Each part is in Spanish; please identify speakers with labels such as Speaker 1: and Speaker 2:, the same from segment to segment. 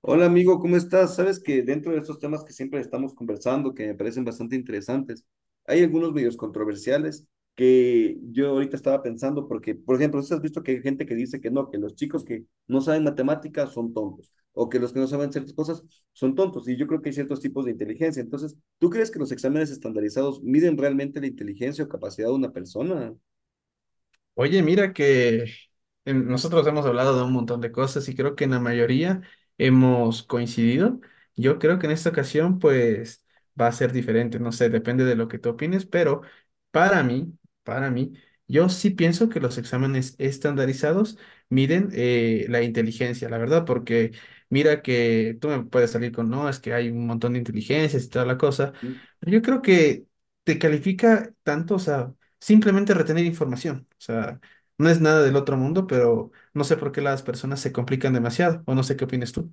Speaker 1: Hola amigo, ¿cómo estás? Sabes que dentro de estos temas que siempre estamos conversando, que me parecen bastante interesantes, hay algunos medios controversiales que yo ahorita estaba pensando, porque, por ejemplo, ¿sí has visto que hay gente que dice que no, que los chicos que no saben matemáticas son tontos, o que los que no saben ciertas cosas son tontos? Y yo creo que hay ciertos tipos de inteligencia. Entonces, ¿tú crees que los exámenes estandarizados miden realmente la inteligencia o capacidad de una persona?
Speaker 2: Oye, mira que nosotros hemos hablado de un montón de cosas y creo que en la mayoría hemos coincidido. Yo creo que en esta ocasión pues va a ser diferente, no sé, depende de lo que tú opines, pero para mí, para mí, yo sí pienso que los exámenes estandarizados miden la inteligencia, la verdad, porque mira que tú me puedes salir con, no, es que hay un montón de inteligencias y toda la cosa. Pero yo creo que te califica tanto, o sea simplemente retener información. O sea, no es nada del otro mundo, pero no sé por qué las personas se complican demasiado, o no sé qué opinas tú.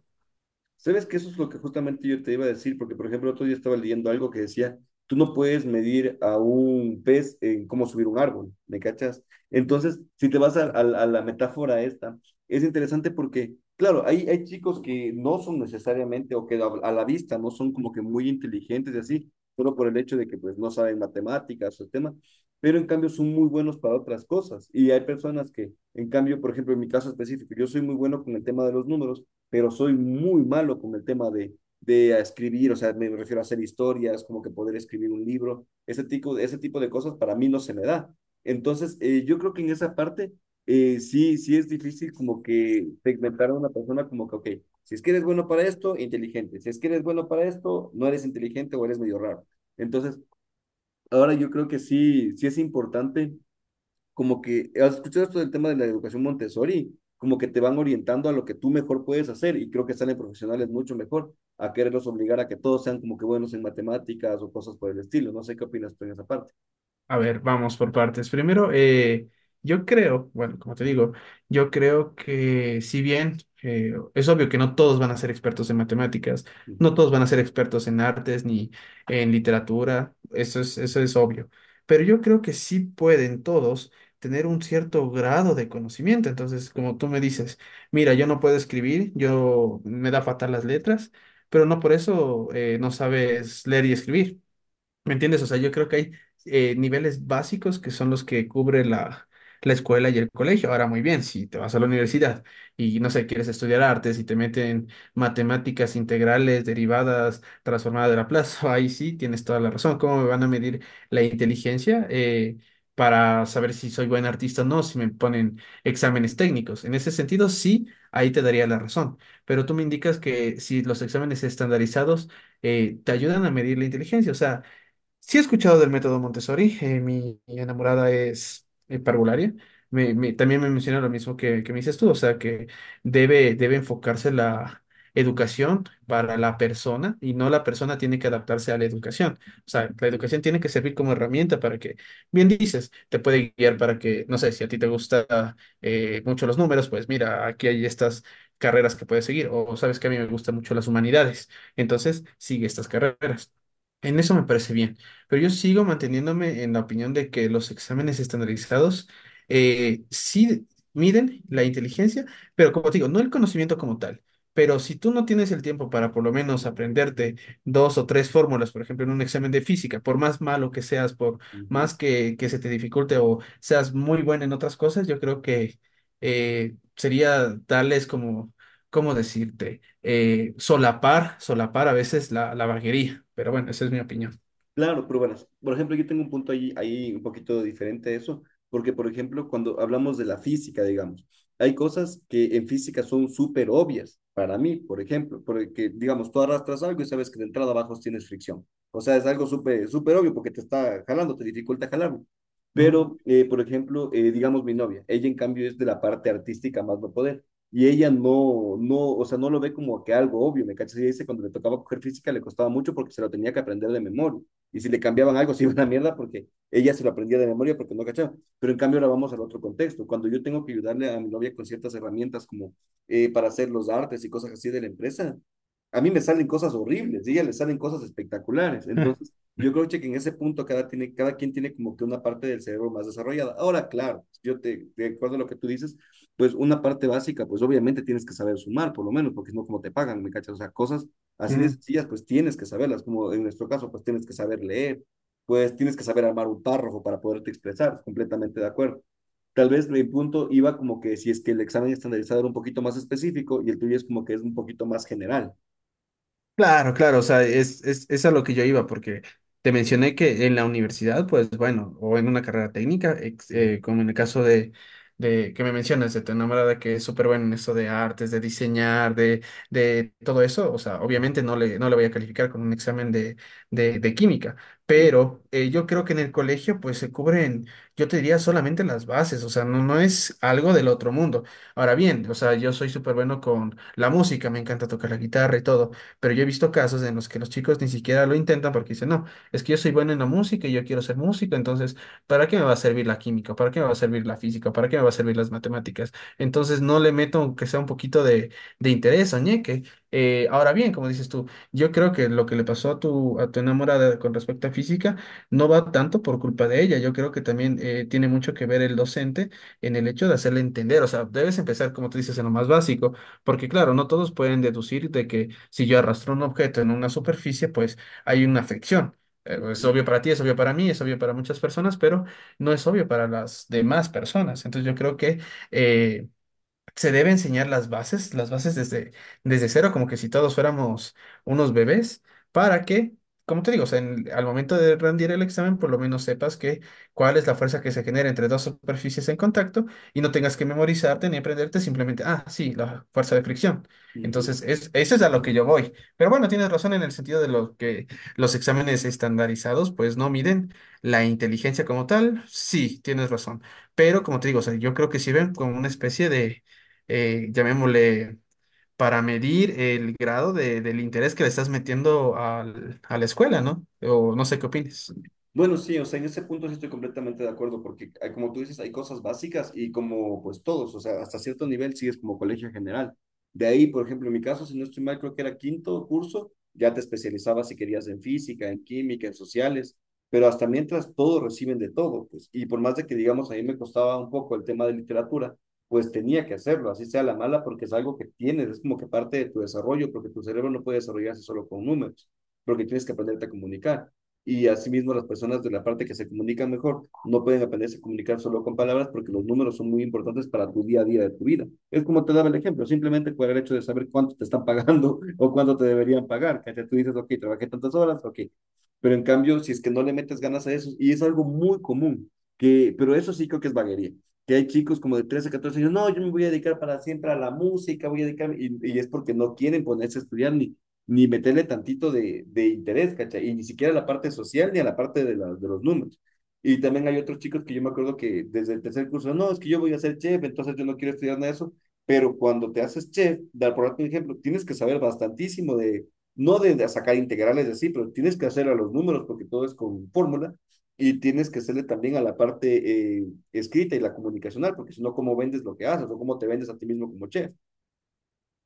Speaker 1: Sabes que eso es lo que justamente yo te iba a decir, porque por ejemplo, otro día estaba leyendo algo que decía, tú no puedes medir a un pez en cómo subir un árbol, ¿me cachas? Entonces, si te vas a, a la metáfora esta, es interesante porque, claro, hay chicos que no son necesariamente o que a la vista no son como que muy inteligentes y así, solo por el hecho de que pues no saben matemáticas o el tema, pero en cambio son muy buenos para otras cosas. Y hay personas que, en cambio, por ejemplo, en mi caso específico, yo soy muy bueno con el tema de los números pero soy muy malo con el tema de escribir, o sea, me refiero a hacer historias, como que poder escribir un libro, ese tipo de cosas para mí no se me da. Entonces, yo creo que en esa parte sí es difícil como que segmentar a una persona como que, ok, si es que eres bueno para esto, inteligente, si es que eres bueno para esto, no eres inteligente o eres medio raro. Entonces, ahora yo creo que sí es importante como que, ¿has escuchado esto del tema de la educación Montessori? Como que te van orientando a lo que tú mejor puedes hacer y creo que salen profesionales mucho mejor a quererlos obligar a que todos sean como que buenos en matemáticas o cosas por el estilo. No sé qué opinas tú en esa parte.
Speaker 2: A ver, vamos por partes. Primero, yo creo, bueno, como te digo, yo creo que si bien es obvio que no todos van a ser expertos en matemáticas, no
Speaker 1: Ujú,
Speaker 2: todos van a ser expertos en artes ni en literatura, eso es obvio, pero yo creo que sí pueden todos tener un cierto grado de conocimiento. Entonces, como tú me dices, mira, yo no puedo escribir, yo me da fatal las letras, pero no por eso no sabes leer y escribir. ¿Me entiendes? O sea, yo creo que hay niveles básicos que son los que cubre la escuela y el colegio. Ahora, muy bien, si te vas a la universidad y, no sé, quieres estudiar artes y te meten matemáticas integrales, derivadas, transformadas de la plaza, ahí sí tienes toda la razón. ¿Cómo me van a medir la inteligencia? Para saber si soy buen artista o no, si me ponen exámenes técnicos. En ese sentido, sí, ahí te daría la razón. Pero tú me indicas que si los exámenes estandarizados te ayudan a medir la inteligencia, o sea, sí he escuchado del método Montessori. Mi enamorada es parvularia, también me menciona lo mismo que me dices tú, o sea que debe enfocarse la educación para la persona y no la persona tiene que adaptarse a la educación. O sea, la
Speaker 1: ujú,
Speaker 2: educación tiene que servir como herramienta para que, bien dices, te puede guiar para que, no sé, si a ti te gusta mucho los números, pues mira, aquí hay estas carreras que puedes seguir, o sabes que a mí me gustan mucho las humanidades, entonces sigue estas carreras. En eso me parece bien. Pero yo sigo manteniéndome en la opinión de que los exámenes estandarizados sí miden la inteligencia, pero como te digo, no el conocimiento como tal. Pero si tú no tienes el tiempo para por lo menos aprenderte dos o tres fórmulas, por ejemplo, en un examen de física, por más malo que seas, por
Speaker 1: ujú.
Speaker 2: más que se te dificulte o seas muy bueno en otras cosas, yo creo que sería darles como, ¿cómo decirte? Solapar, solapar a veces la vaguería. Pero bueno, esa es mi opinión.
Speaker 1: Claro, pero bueno, por ejemplo, yo tengo un punto ahí un poquito diferente a eso, porque por ejemplo, cuando hablamos de la física, digamos, hay cosas que en física son súper obvias para mí, por ejemplo, porque digamos, tú arrastras algo y sabes que de entrada abajo tienes fricción. O sea, es algo súper súper obvio porque te está jalando, te dificulta jalarlo. Pero, por ejemplo, digamos mi novia, ella en cambio es de la parte artística más no poder. Y ella o sea, no lo ve como que algo obvio, ¿me cachas? Ella dice, cuando le tocaba coger física le costaba mucho porque se lo tenía que aprender de memoria y si le cambiaban algo se iba a la mierda porque ella se lo aprendía de memoria porque no cachaba. Pero en cambio ahora vamos al otro contexto. Cuando yo tengo que ayudarle a mi novia con ciertas herramientas como para hacer los artes y cosas así de la empresa, a mí me salen cosas horribles y a ella le salen cosas espectaculares. Entonces, yo creo che, que en ese punto cada quien tiene como que una parte del cerebro más desarrollada. Ahora, claro, yo te acuerdo a lo que tú dices, pues una parte básica, pues obviamente tienes que saber sumar, por lo menos, porque es no como te pagan, ¿me cachas? O sea, cosas así de
Speaker 2: Ujú.
Speaker 1: sencillas, pues tienes que saberlas, como en nuestro caso, pues tienes que saber leer, pues tienes que saber armar un párrafo para poderte expresar, completamente de acuerdo. Tal vez mi punto iba como que si es que el examen estandarizado era un poquito más específico y el tuyo es como que es un poquito más general.
Speaker 2: Claro, claro, o sea, es a lo que yo iba, porque te mencioné que en la universidad, pues bueno, o en una carrera técnica,
Speaker 1: Ujú,
Speaker 2: como en el caso de que me mencionas, de tu enamorada que es súper buena en eso de artes, de diseñar, de todo eso. O sea, obviamente no le voy a calificar con un examen de, de química,
Speaker 1: ujú,
Speaker 2: pero yo creo que en el colegio, pues se cubren, yo te diría solamente las bases. O sea, no es algo del otro mundo. Ahora bien, o sea, yo soy súper bueno con la música, me encanta tocar la guitarra y todo, pero yo he visto casos en los que los chicos ni siquiera lo intentan porque dicen, no, es que yo soy bueno en la música y yo quiero ser músico, entonces, ¿para qué me va a servir la química? ¿Para qué me va a servir la física? ¿Para qué me va a servir las matemáticas? Entonces no le meto aunque sea un poquito de interés o ñeque. Ahora bien, como dices tú, yo creo que lo que le pasó a tu enamorada con respecto a física no va tanto por culpa de ella. Yo creo que también tiene mucho que ver el docente en el hecho de hacerle entender. O sea, debes empezar, como tú dices, en lo más básico. Porque claro, no todos pueden deducir de que si yo arrastro un objeto en una superficie, pues hay una fricción. Es
Speaker 1: ujú,
Speaker 2: obvio para ti, es obvio para mí, es obvio para muchas personas, pero no es obvio para las demás personas. Entonces yo creo que eh, se debe enseñar las bases desde, desde cero, como que si todos fuéramos unos bebés, para que, como te digo, o sea, al momento de rendir el examen, por lo menos sepas que cuál es la fuerza que se genera entre dos superficies en contacto y no tengas que memorizarte ni aprenderte simplemente, ah, sí, la fuerza de fricción.
Speaker 1: ujú.
Speaker 2: Entonces, es, eso es a lo que yo voy. Pero bueno, tienes razón en el sentido de lo que los exámenes estandarizados, pues no miden la inteligencia como tal. Sí, tienes razón. Pero como te digo, o sea, yo creo que sirven como una especie de llamémosle, para medir el grado del interés que le estás metiendo a la escuela, ¿no? O no sé qué opines.
Speaker 1: Bueno, sí, o sea, en ese punto sí estoy completamente de acuerdo, porque hay- como tú dices, hay cosas básicas y como pues todos, o sea, hasta cierto nivel sigues como colegio general. De ahí, por ejemplo, en mi caso, si no estoy mal, creo que era quinto curso, ya te especializabas si querías en física, en química, en sociales, pero hasta mientras todos reciben de todo, pues, y por más de que digamos, a mí me costaba un poco el tema de literatura, pues tenía que hacerlo, así sea la mala, porque es algo que tienes, es como que parte de tu desarrollo, porque tu cerebro no puede desarrollarse solo con números, porque tienes que aprenderte a comunicar y asimismo las personas de la parte que se comunican mejor no pueden aprenderse a comunicar solo con palabras porque los números son muy importantes para tu día a día de tu vida. Es como te daba el ejemplo, simplemente por el hecho de saber cuánto te están pagando o cuánto te deberían pagar, que tú dices, ok, trabajé tantas horas, ok. Pero en cambio, si es que no le metes ganas a eso, y es algo muy común, que, pero eso sí creo que es vaguería, que hay chicos como de 13 14 años, no, yo me voy a dedicar para siempre a la música, voy a dedicarme, y es porque no quieren ponerse a estudiar ni meterle tantito de interés, ¿cachai? Y ni siquiera a la parte social ni a la parte de los números. Y también hay otros chicos que yo me acuerdo que desde el tercer curso, no, es que yo voy a ser chef, entonces yo no quiero estudiar nada de eso, pero cuando te haces chef, dar por un ejemplo, tienes que saber bastantísimo no de sacar integrales de así, pero tienes que hacer a los números porque todo es con fórmula y tienes que hacerle también a la parte escrita y la comunicacional, porque si no, ¿cómo vendes lo que haces o cómo te vendes a ti mismo como chef?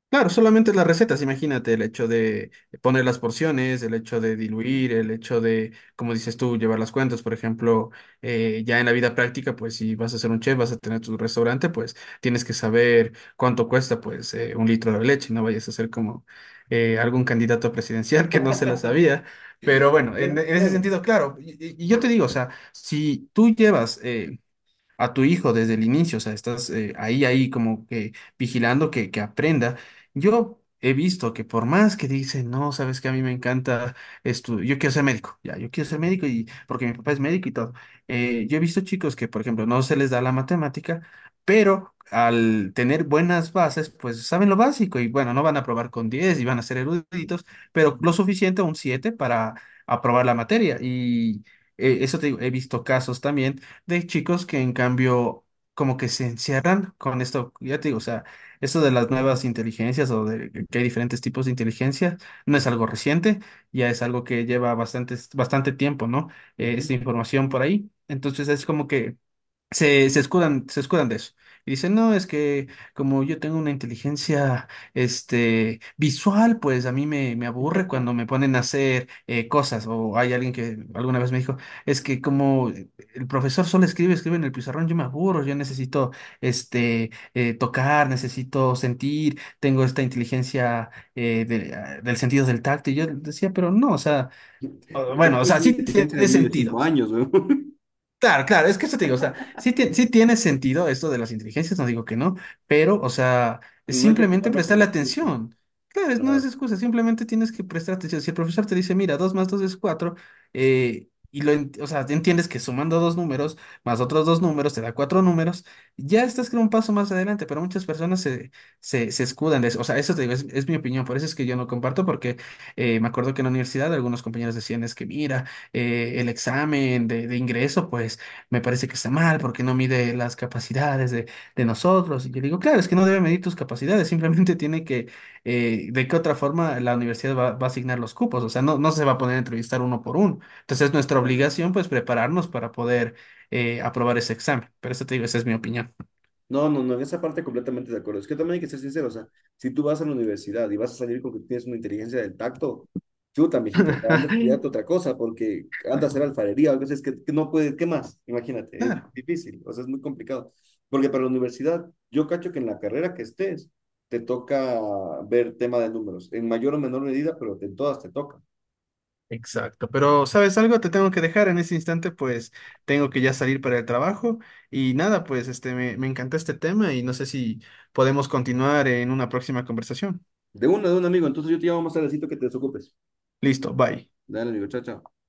Speaker 2: Claro, solamente las recetas, imagínate, el hecho de poner las porciones, el hecho de
Speaker 1: ¿No?
Speaker 2: diluir, el hecho de, como dices tú, llevar las cuentas, por ejemplo, ya en la vida práctica, pues si vas a ser un chef, vas a tener tu restaurante, pues tienes que saber cuánto cuesta, pues, un litro de leche. No vayas a ser como algún candidato presidencial que no se la sabía. Pero bueno, en,
Speaker 1: Claro,
Speaker 2: en ese
Speaker 1: claro.
Speaker 2: sentido, claro, y, y yo te digo, o sea, si tú llevas a tu hijo desde el inicio, o sea, estás ahí, ahí como que vigilando que aprenda. Yo he visto que por más que dicen, no, sabes que a mí me encanta esto, yo quiero ser médico, ya, yo quiero ser médico y porque mi papá es médico y todo. Yo he visto chicos que, por ejemplo, no se les da la matemática, pero al tener buenas bases, pues saben lo básico y bueno, no van a aprobar con 10 y van a ser eruditos, pero lo suficiente, un 7 para aprobar la materia y... eso te digo, he visto casos también de chicos que en cambio como que se encierran con esto. Ya te digo, o sea, esto de las nuevas inteligencias o de que hay diferentes tipos de inteligencia, no es
Speaker 1: Uh
Speaker 2: algo reciente, ya es algo que lleva bastante, bastante tiempo, ¿no? Eh,
Speaker 1: -huh.
Speaker 2: esta información por ahí. Entonces es como que se escudan, se escudan de eso. Y dicen, no, es que como yo tengo una inteligencia visual, pues a mí me aburre cuando me ponen a hacer cosas. O hay alguien que alguna vez me dijo, es que como el profesor solo escribe, escribe en el pizarrón, yo me aburro, yo necesito tocar, necesito sentir, tengo esta inteligencia del sentido del tacto. Y yo decía, pero no, o sea,
Speaker 1: Lo que
Speaker 2: bueno, o
Speaker 1: tienes
Speaker 2: sea,
Speaker 1: es una
Speaker 2: sí
Speaker 1: inteligencia de
Speaker 2: tiene
Speaker 1: niño de
Speaker 2: sentido.
Speaker 1: 5 años, güey.
Speaker 2: Claro, claro, es que eso te digo, o sea, sí, sí tiene sentido esto de las inteligencias, no digo que no, pero, o sea, es
Speaker 1: No hay que
Speaker 2: simplemente
Speaker 1: tomarlo como
Speaker 2: prestarle
Speaker 1: excusa.
Speaker 2: atención. Claro, no es
Speaker 1: Ah,
Speaker 2: excusa, simplemente tienes que prestar atención. Si el profesor te dice, mira, 2 más 2 es 4, o sea, entiendes que sumando dos números más otros dos números te da cuatro números, ya estás con un paso más adelante, pero muchas personas se escudan de eso. O sea, eso te digo, es mi opinión, por eso es que yo no comparto, porque me acuerdo que en la universidad algunos compañeros decían, es que mira, el examen de ingreso, pues me parece que está mal porque no mide las capacidades de nosotros. Y yo digo, claro, es que no debe medir tus capacidades, simplemente tiene que, de qué otra forma la universidad va a asignar los cupos. O sea, no se va a poner a entrevistar uno por uno. Entonces, nuestra
Speaker 1: ah.
Speaker 2: obligación, pues, prepararnos para poder aprobar ese examen. Pero eso te digo, esa es mi opinión.
Speaker 1: No, no, no, en esa parte completamente de acuerdo. Es que también hay que ser sincero, o sea, si tú vas a la universidad y vas a salir con que tienes una inteligencia del tacto, chuta, mijito, o sea, anda a estudiarte otra cosa porque anda a hacer alfarería, a veces que no puede, ¿qué más? Imagínate, es
Speaker 2: Claro.
Speaker 1: difícil, o sea, es muy complicado. Porque para la universidad, yo cacho que en la carrera que estés, te toca ver tema de números, en mayor o menor medida, pero en todas te toca.
Speaker 2: Exacto, pero ¿sabes algo? Te tengo que dejar en ese instante, pues tengo que ya salir para el trabajo y nada, pues me encantó este tema y no sé si podemos continuar en una próxima conversación.
Speaker 1: De uno, de un amigo. Entonces yo te llamo más tardecito que te desocupes.
Speaker 2: Listo, bye.
Speaker 1: Dale, amigo. Chao, chao.